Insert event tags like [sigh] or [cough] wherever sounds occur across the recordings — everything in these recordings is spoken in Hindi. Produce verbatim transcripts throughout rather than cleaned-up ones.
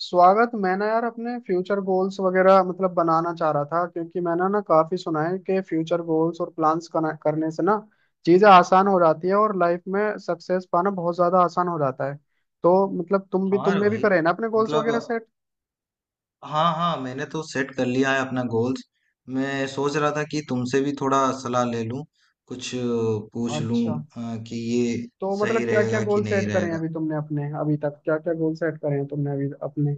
स्वागत। मैं ना यार अपने फ्यूचर गोल्स वगैरह मतलब बनाना चाह रहा था, क्योंकि मैंने ना काफी सुना है कि फ्यूचर गोल्स और प्लान्स करने से ना चीजें आसान हो जाती है और लाइफ में सक्सेस पाना बहुत ज्यादा आसान हो जाता है। तो मतलब तुम भी हाँ रे तुमने भी भाई। करे ना अपने गोल्स मतलब, वगैरह सेट? हाँ हाँ, मैंने तो सेट कर लिया है अपना गोल्स। मैं सोच रहा था कि तुमसे भी थोड़ा सलाह ले लूं, कुछ अ, पूछ लूं अच्छा, अ, कि ये तो मतलब सही क्या क्या रहेगा कि गोल नहीं सेट करे हैं रहेगा। अभी तुमने अपने, अभी तक क्या क्या गोल सेट करे हैं तुमने अभी अपने?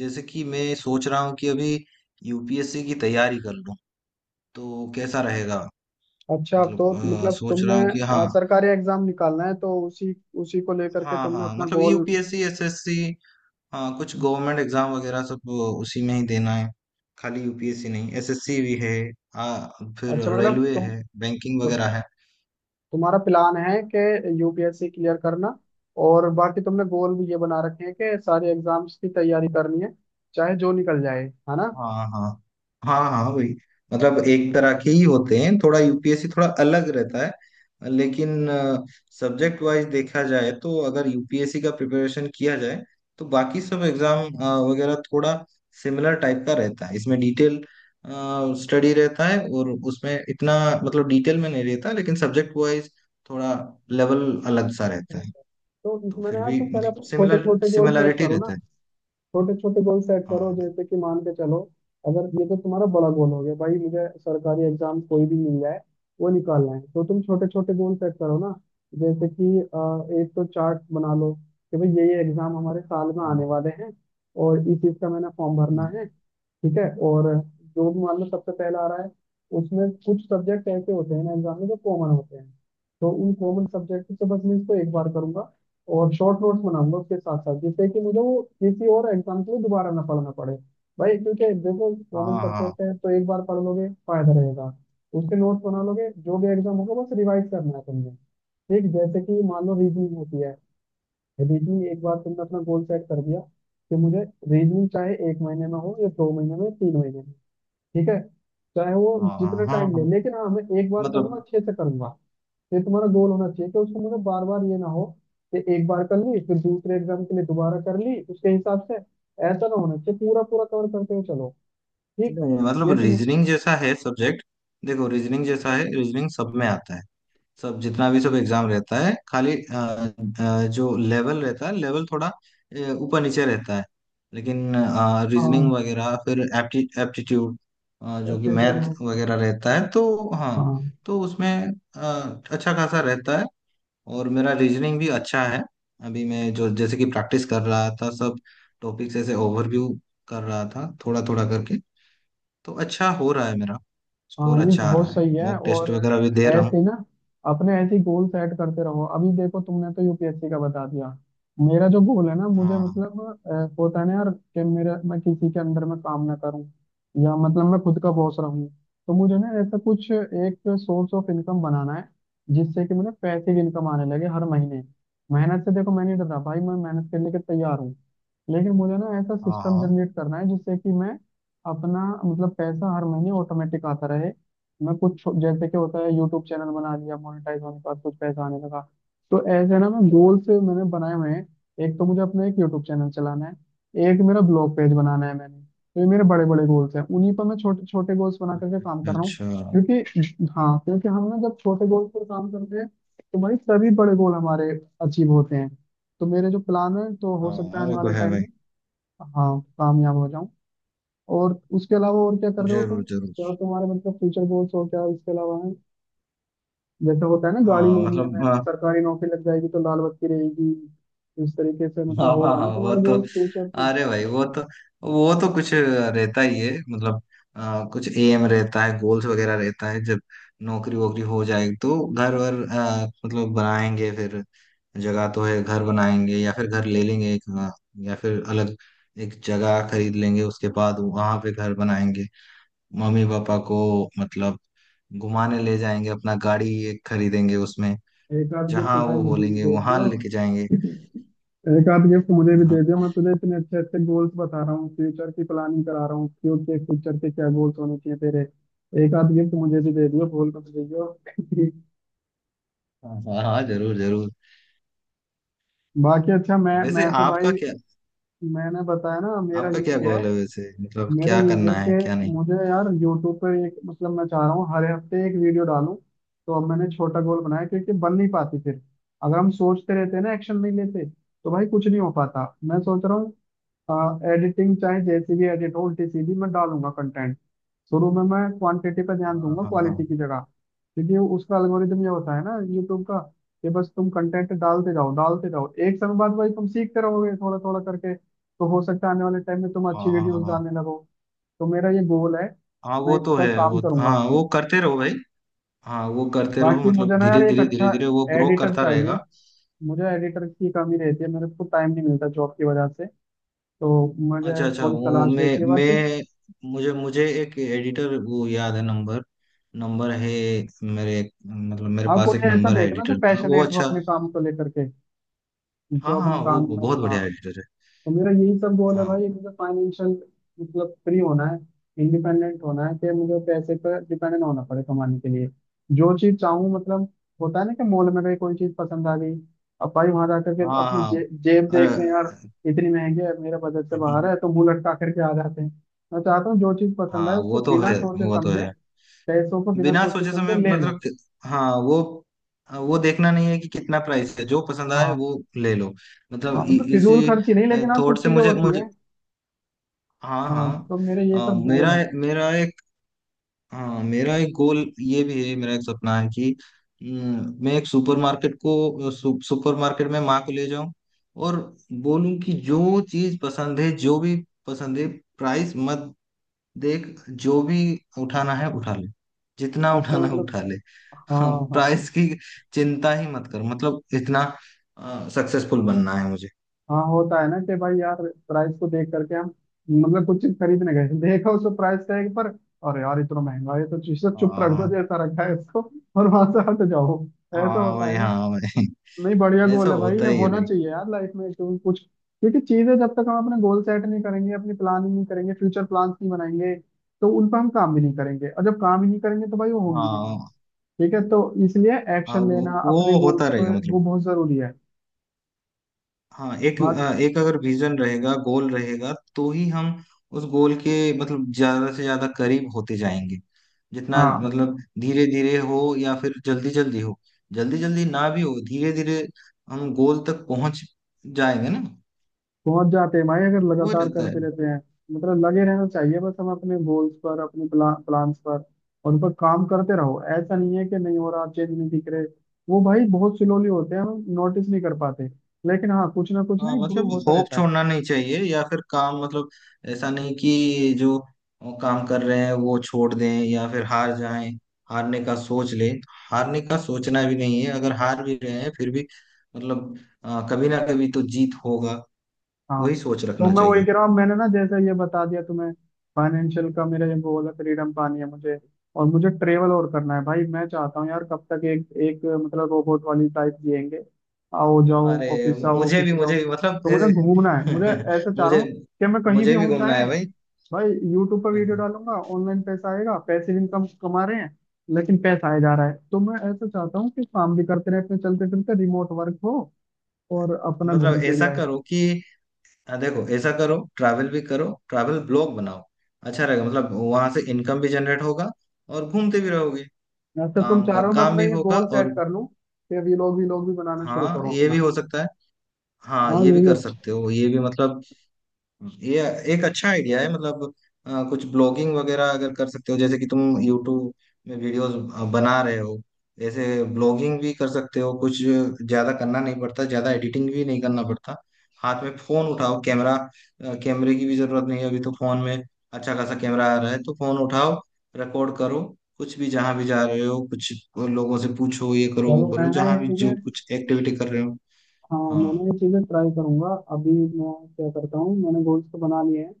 जैसे कि मैं सोच रहा हूँ कि अभी यूपीएससी की तैयारी कर लूं, तो कैसा रहेगा। अच्छा, तो मतलब अ, मतलब सोच तुमने रहा हूँ कि अ, हाँ। सरकारी एग्जाम निकालना है तो उसी, उसी को लेकर के हाँ तुमने हाँ, अपना मतलब गोल। UPSC SSC. हाँ, कुछ गवर्नमेंट एग्जाम वगैरह सब वो उसी में ही देना है। खाली यूपीएससी नहीं, एसएससी भी है। आ, फिर अच्छा, मतलब रेलवे तुम है, बैंकिंग वगैरह है। तुम्हारा प्लान है कि यूपीएससी क्लियर करना, और बाकी तुमने गोल भी ये बना रखे हैं कि सारे एग्जाम्स की तैयारी करनी है, चाहे जो निकल जाए, है ना। हाँ हाँ, हाँ हाँ वही। मतलब एक तरह के ही होते हैं, थोड़ा यूपीएससी थोड़ा अलग रहता है, लेकिन सब्जेक्ट वाइज देखा जाए तो अगर यूपीएससी का प्रिपरेशन किया जाए तो बाकी सब एग्जाम वगैरह थोड़ा सिमिलर टाइप का रहता है। इसमें डिटेल स्टडी रहता है और उसमें इतना मतलब डिटेल में नहीं रहता, लेकिन सब्जेक्ट वाइज थोड़ा लेवल अलग सा रहता है। तो तो इसमें ना फिर यार भी तुम पहले मतलब छोटे सिमिलर छोटे गोल सेट सिमिलैरिटी करो ना, रहता है। छोटे छोटे गोल सेट करो। हाँ जैसे कि मान के चलो, अगर ये तो तुम्हारा बड़ा गोल हो गया भाई, मुझे सरकारी एग्जाम कोई भी मिल जाए, वो निकालना है, तो तुम छोटे छोटे गोल सेट करो ना। जैसे कि अ, एक तो चार्ट बना लो कि भाई ये ये एग्जाम हमारे साल में आने हाँ, वाले हैं, और इस चीज का मैंने फॉर्म भरना है। ठीक है। और जो भी मान लो सबसे पहला आ रहा है, उसमें कुछ सब्जेक्ट ऐसे होते हैं ना एग्जाम में जो कॉमन होते हैं, तो उन कॉमन सब्जेक्ट से बस मैं इसको एक बार करूंगा और शॉर्ट नोट्स बनाऊंगा उसके साथ साथ, जिससे कि मुझे वो किसी और एग्जाम के लिए दोबारा ना पढ़ना पड़े भाई। क्योंकि देखो हाँ कॉमन हाँ, हाँ सब्जेक्ट है, तो एक बार पढ़ लोगे, फायदा रहेगा। उसके नोट्स बना लोगे, जो भी एग्जाम होगा बस रिवाइज करना है तुमने। ठीक, जैसे कि मान लो रीजनिंग होती है। रीजनिंग एक बार तुमने अपना गोल सेट कर दिया कि मुझे रीजनिंग चाहे एक महीने में हो या दो महीने में तीन महीने में, ठीक है, चाहे वो हाँ, हाँ जितना हाँ, टाइम ले, हाँ लेकिन हाँ मैं एक बार करूंगा, मतलब। अच्छे से करूंगा। ये तुम्हारा गोल होना चाहिए कि उसको मुझे बार बार ये ना हो कि एक बार कर ली, फिर दूसरे एग्जाम के लिए दोबारा कर ली, उसके हिसाब से। ऐसा ना होना चाहिए, पूरा पूरा कवर करते हुए चलो। ठीक, नहीं, मतलब ये तुम। रीजनिंग जैसा है सब्जेक्ट। देखो, रीजनिंग जैसा है, रीजनिंग सब में आता है। सब जितना भी सब एग्जाम रहता है, खाली अ, अ, जो लेवल रहता है, लेवल थोड़ा अ, ऊपर नीचे रहता है, लेकिन रीजनिंग हाँ, वगैरह, फिर एप्टी एप्टीट्यूड जो कि एप्टीट्यूड मैथ हो गया। वगैरह रहता है, तो हाँ। हाँ। तो उसमें अ, अच्छा खासा रहता है और मेरा रीजनिंग भी अच्छा है। अभी मैं जो जैसे कि प्रैक्टिस कर रहा था, सब टॉपिक्स ऐसे ओवरव्यू कर रहा था थोड़ा थोड़ा करके, तो अच्छा हो रहा है मेरा, हाँ, स्कोर नहीं अच्छा आ रहा बहुत है, सही है। मॉक टेस्ट और वगैरह भी दे रहा हूँ। ऐसे ही ना अपने ऐसे ही गोल सेट करते रहो। अभी देखो तुमने तो यूपीएससी का बता दिया, मेरा जो गोल है ना मुझे हाँ मतलब अ, होता है ना यार कि मेरा, मैं किसी के अंदर में काम ना करूं या मतलब मैं खुद का बॉस रहूं। तो मुझे ना ऐसा कुछ एक सोर्स ऑफ इनकम बनाना है जिससे कि मेरा पैसिव इनकम आने लगे हर महीने। मेहनत से देखो मैं नहीं डर रहा भाई, मैं मेहनत करने के तैयार हूँ, लेकिन मुझे ना ऐसा हाँ सिस्टम हाँ। जनरेट करना है जिससे कि मैं अपना मतलब पैसा हर महीने ऑटोमेटिक आता रहे। मैं कुछ छो- जैसे कि होता है यूट्यूब चैनल बना लिया, मोनेटाइज होने के बाद कुछ पैसा आने लगा, तो ऐसे ना मैं गोल्स मैंने बनाए हुए हैं। एक तो मुझे अपना एक यूट्यूब चैनल चलाना है, एक मेरा ब्लॉग पेज बनाना है। मैंने तो ये मेरे बड़े बड़े गोल्स हैं, उन्हीं पर मैं छोटे छोटे गोल्स बना करके काम अच्छा कर रहा हूँ। अच्छा। क्योंकि हाँ, क्योंकि हम ना जब छोटे गोल्स पर काम करते हैं तो भाई सभी बड़े गोल हमारे अचीव होते हैं। तो मेरे जो प्लान है तो हो सकता हाँ है आने वो तो वाले है टाइम, भाई। हाँ, कामयाब हो जाऊं। और उसके अलावा और क्या कर रहे हो तुम? जरूर जरूर। क्या तुम्हारे मतलब फ्यूचर गोल्स और क्या इसके अलावा है? जैसे होता है ना गाड़ी हाँ लेनी है, मतलब, मैंने हाँ, सरकारी नौकरी लग जाएगी तो लाल बत्ती रहेगी, इस तरीके से हाँ मतलब हाँ होगा ना हाँ, वो तुम्हारा तो, गोल्स फ्यूचर में। अरे भाई, वो तो, वो तो कुछ रहता ही है मतलब। आ, कुछ एम रहता है, गोल्स वगैरह रहता है। जब नौकरी वोकरी हो जाएगी तो घर वर, आ, मतलब बनाएंगे। फिर जगह तो है, घर बनाएंगे या फिर घर ले लेंगे एक, आ, या फिर अलग एक जगह खरीद लेंगे, उसके बाद वहां पे घर बनाएंगे। मम्मी पापा को मतलब घुमाने ले जाएंगे, अपना गाड़ी एक खरीदेंगे उसमें। एक आध गिफ्ट जहाँ भाई वो मुझे भी बोलेंगे दे वहां दियो। लेके जाएंगे। एक आध गिफ्ट मुझे भी हाँ दे दियो, मैं तुझे इतने अच्छे अच्छे गोल्स बता रहा हूँ, फ्यूचर की प्लानिंग करा रहा हूँ क्यों के फ्यूचर के क्या गोल्स होने चाहिए तेरे। एक आध गिफ्ट मुझे भी दे दियो, भूल मत जाइयो। हाँ, हाँ, जरूर जरूर। [laughs] बाकी अच्छा, मैं वैसे मैं तो आपका भाई, क्या, मैंने बताया ना मेरा आपका क्या यही है। गोल है वैसे, मतलब मेरा क्या ये है करना है क्या कि नहीं। मुझे यार यूट्यूब पे एक मतलब मैं चाह रहा हूँ हर हफ्ते एक वीडियो डालूं। तो अब मैंने छोटा गोल बनाया, क्योंकि बन नहीं पाती फिर। अगर हम सोचते रहते हैं ना, एक्शन नहीं लेते, तो भाई कुछ नहीं हो पाता। मैं सोच रहा हूँ एडिटिंग चाहे जैसी भी एडिट हो, उल्टी सीधी, मैं डालूंगा कंटेंट। शुरू में मैं क्वांटिटी पर ध्यान हाँ दूंगा हाँ, क्वालिटी हाँ की जगह, क्योंकि उसका एल्गोरिदम ये होता है ना यूट्यूब का कि बस तुम कंटेंट डालते जाओ डालते जाओ, एक समय बाद भाई तुम सीखते रहोगे थोड़ा थोड़ा करके, तो हो सकता है आने वाले टाइम में तुम हाँ, अच्छी हाँ हाँ, वीडियोस हाँ। डालने लगो। तो मेरा ये गोल है, हाँ, मैं वो इस तो पर है काम वो, करूंगा हाँ, वो आपसे। करते रहो भाई। हाँ, वो करते रहो, बाकी मतलब मुझे ना यार धीरे एक धीरे धीरे अच्छा धीरे वो ग्रो एडिटर करता चाहिए। रहेगा। मुझे एडिटर की कमी रहती है, मेरे को टाइम नहीं मिलता जॉब की वजह से, तो अच्छा मुझे अच्छा, थोड़ी वो तलाश मैं रहती है बाकी। मैं मुझे मुझे एक एडिटर, वो याद है, नंबर नंबर है मेरे, मतलब मेरे हाँ, पास एक कोई ऐसा नंबर है देखना जो एडिटर का, वो पैशनेट हो अच्छा। अपने काम को लेकर के, हाँ जो अपने हाँ, वो काम वो में, बहुत हाँ। बढ़िया एडिटर है। तो मेरा यही सब गोल है हाँ भाई, मुझे फाइनेंशियल मतलब फ्री होना है, इंडिपेंडेंट होना है कि मुझे पैसे पर डिपेंडेंट होना पड़े कमाने के लिए। जो चीज चाहूँ मतलब, होता है ना कि मॉल में गई कोई चीज पसंद आ गई, अब भाई वहां जाकर के हाँ अपनी हाँ। जे, जेब अरे। देख रहे हैं यार, इतनी महंगी है, मेरा बजट से बाहर है, तो [laughs] मुंह लटका करके आ जाते हैं। मैं चाहता हूँ जो चीज पसंद आए हाँ उसको वो तो बिना है, सोचे वो तो समझे, है। पैसों को बिना बिना सोचे सोचे समय, समझे ले लो। मतलब कि- हाँ वो वो देखना नहीं है कि कितना प्राइस है, जो पसंद आए वो हाँ। ले लो। हाँ, मतलब इ, मतलब फिजूल इसी खर्ची नहीं, लेकिन हाँ थॉट कुछ से चीजें मुझे होती मुझे। है। हाँ हाँ, हाँ। तो मेरे ये अ, सब मेरा गोल है। मेरा एक, हाँ मेरा एक गोल ये भी है, मेरा एक सपना है कि अम, मैं एक सुपरमार्केट को, सु, सुपरमार्केट में माँ को ले जाऊं और बोलूं कि जो चीज पसंद है, जो भी पसंद है, प्राइस मत देख, जो भी उठाना है उठा ले, जितना अच्छा, उठाना है मतलब उठा ले। हाँ, हाँ, हाँ। प्राइस की चिंता ही मत कर, मतलब इतना सक्सेसफुल बनना है मुझे। हाँ, होता है ना कि भाई यार प्राइस को देख करके हम मतलब कुछ चीज खरीदने गए, देखा उसको प्राइस टैग पर, और यार इतना महंगा है, तो चीज चुप रख दो हाँ, जैसा रखा है इसको [laughs] और वहां से हट जाओ। ऐसा तो हाँ होता भाई, है ना। हाँ भाई। [laughs] नहीं, बढ़िया ऐसा गोल है भाई, होता ये ही है होना भाई। चाहिए यार लाइफ में, क्यों कुछ, क्योंकि चीजें जब तक हम अपने गोल सेट नहीं करेंगे, अपनी प्लानिंग नहीं करेंगे, फ्यूचर प्लान्स नहीं बनाएंगे, तो उन पर हम काम भी नहीं करेंगे, और जब काम ही नहीं करेंगे तो भाई वो होंगी भी नहीं। हाँ ठीक है। तो इसलिए हाँ, एक्शन वो, लेना अपने वो गोल्स होता रहेगा पर, वो मतलब। बहुत जरूरी है। हाँ एक, बात। अ, एक अगर विजन रहेगा, गोल रहेगा तो ही हम उस गोल के, मतलब ज्यादा से ज्यादा करीब होते जाएंगे। जितना हाँ, मतलब धीरे धीरे हो या फिर जल्दी जल्दी हो, जल्दी जल्दी ना भी हो, धीरे धीरे हम गोल तक पहुंच जाएंगे ना। पहुंच जाते हैं भाई अगर वो लगातार रहता है। करते रहते हैं। मतलब लगे रहना चाहिए बस हम अपने गोल्स पर, अपने प्ला, प्लान्स पर, और उन पर काम करते रहो। ऐसा नहीं है कि नहीं हो रहा, चेंज नहीं दिख रहे, वो भाई बहुत स्लोली होते हैं, हम नोटिस नहीं कर पाते, लेकिन हाँ कुछ ना कुछ ना हाँ इम्प्रूव मतलब होता होप रहता है। छोड़ना नहीं चाहिए या फिर काम, मतलब ऐसा नहीं कि जो काम कर रहे हैं वो छोड़ दें या फिर हार जाएं, हारने का सोच ले। हारने का सोचना भी नहीं है, अगर हार भी रहे हैं फिर भी मतलब, आ, कभी ना कभी तो जीत होगा, हाँ, वही सोच तो रखना मैं चाहिए। वही कह रहा हूँ, मैंने ना जैसे ये बता दिया तुम्हें, फाइनेंशियल का मेरा ये गोल है, फ्रीडम पानी है मुझे। और मुझे ट्रेवल और करना है भाई, मैं चाहता हूँ यार कब तक एक एक मतलब रोबोट वाली टाइप जिएंगे, आओ जाओ अरे, ऑफिस, आओ मुझे ऑफिस भी, जाओ। मुझे भी मतलब तो मुझे ए, घूमना है, मुझे [laughs] ऐसा चाह रहा मुझे, हूँ कि मैं कहीं भी मुझे भी हूँ, घूमना चाहे है भाई। भाई यूट्यूब पर वीडियो [laughs] डालूंगा, ऑनलाइन पैसा आएगा, पैसे इनकम कमा रहे हैं, लेकिन पैसा आया जा रहा है, तो मैं ऐसा चाहता हूँ कि काम भी करते रहे अपने चलते फिरते, रिमोट वर्क हो और अपना मतलब घूमते भी ऐसा रहे। करो कि, हाँ देखो ऐसा करो, ट्रैवल भी करो, ट्रैवल ब्लॉग बनाओ, अच्छा रहेगा, मतलब वहां से इनकम भी जनरेट होगा और घूमते भी रहोगे, या तो तुम काम का चारों में काम अपना भी ये होगा गोल और। सेट कर लूं कि ये लोग भी लोग भी बनाना शुरू हाँ करो ये भी अपना। हो सकता है। हाँ हाँ, ये ये भी भी कर सकते अच्छा। हो, ये भी मतलब, ये एक अच्छा आइडिया है। मतलब अ, कुछ ब्लॉगिंग वगैरह अगर कर सकते हो, जैसे कि तुम यूट्यूब में वीडियोस बना रहे हो, ऐसे ब्लॉगिंग भी कर सकते हो। कुछ ज्यादा करना नहीं पड़ता, ज्यादा एडिटिंग भी नहीं करना पड़ता। हाथ में फोन उठाओ, कैमरा, अ, कैमरे की भी जरूरत नहीं है, अभी तो फोन में अच्छा खासा कैमरा आ रहा है, तो फोन उठाओ, रिकॉर्ड करो कुछ भी, जहां भी जा रहे हो कुछ लोगों से पूछो, ये करो चलो वो मैं करो, ना जहां ये भी जो चीजें, कुछ एक्टिविटी कर रहे हो। हाँ मैं ना हाँ। ये चीजें ट्राई करूंगा। अभी मैं क्या करता हूँ, मैंने गोल्स तो बना लिए हैं,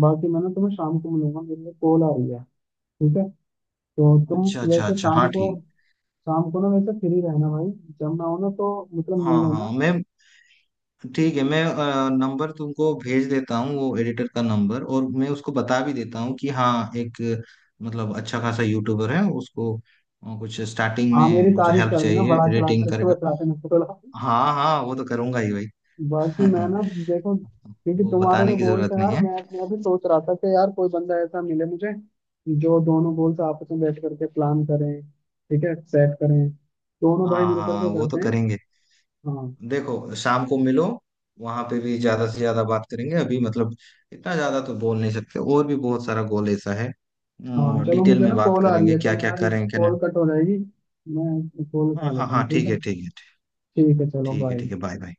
बाकी मैं ना तुम्हें शाम को मिलूंगा, मेरे लिए कॉल आ रही है। ठीक है। तो तुम अच्छा अच्छा वैसे अच्छा, शाम हाँ को, ठीक। शाम को ना वैसे फ्री रहना भाई, जब मैं आऊँ ना तो मतलब मिल हाँ हाँ, लेना। मैं, ठीक है। मैं अ, नंबर तुमको भेज देता हूँ, वो एडिटर का नंबर, और मैं उसको बता भी देता हूँ कि हाँ एक, मतलब अच्छा खासा यूट्यूबर है, उसको अ, कुछ स्टार्टिंग हाँ, मेरी में कुछ तारीफ हेल्प कर देना चाहिए, बड़ा चढ़ा रेटिंग करके, करेगा। बताते ना थोड़ा। हाँ हाँ, वो तो करूंगा ही भाई। बाकी मैं ना, [laughs] देखो क्योंकि वो तुम्हारे तो बताने की गोल जरूरत से यार नहीं है। मैं मैं भी सोच रहा था कि यार कोई बंदा ऐसा मिले मुझे जो दोनों गोल्स आपस में बैठ करके प्लान करें, ठीक है, सेट करें, दोनों हाँ भाई मिल हाँ, करके वो तो करते हैं। करेंगे। हाँ। देखो शाम को मिलो, वहां पे भी ज्यादा से ज्यादा बात करेंगे, अभी मतलब इतना ज्यादा तो बोल नहीं सकते, और भी बहुत सारा गोल ऐसा है, हाँ, चलो डिटेल मुझे में ना बात कॉल आ रही करेंगे, है, तो क्या मैं क्या यार, करें क्या नहीं। कॉल कट हो जाएगी, मैं कॉल उठा हाँ हाँ लेता हूँ। हाँ, ठीक ठीक है? है, ठीक है। ठीक है, चलो ठीक है, बाय। ठीक है, बाय बाय।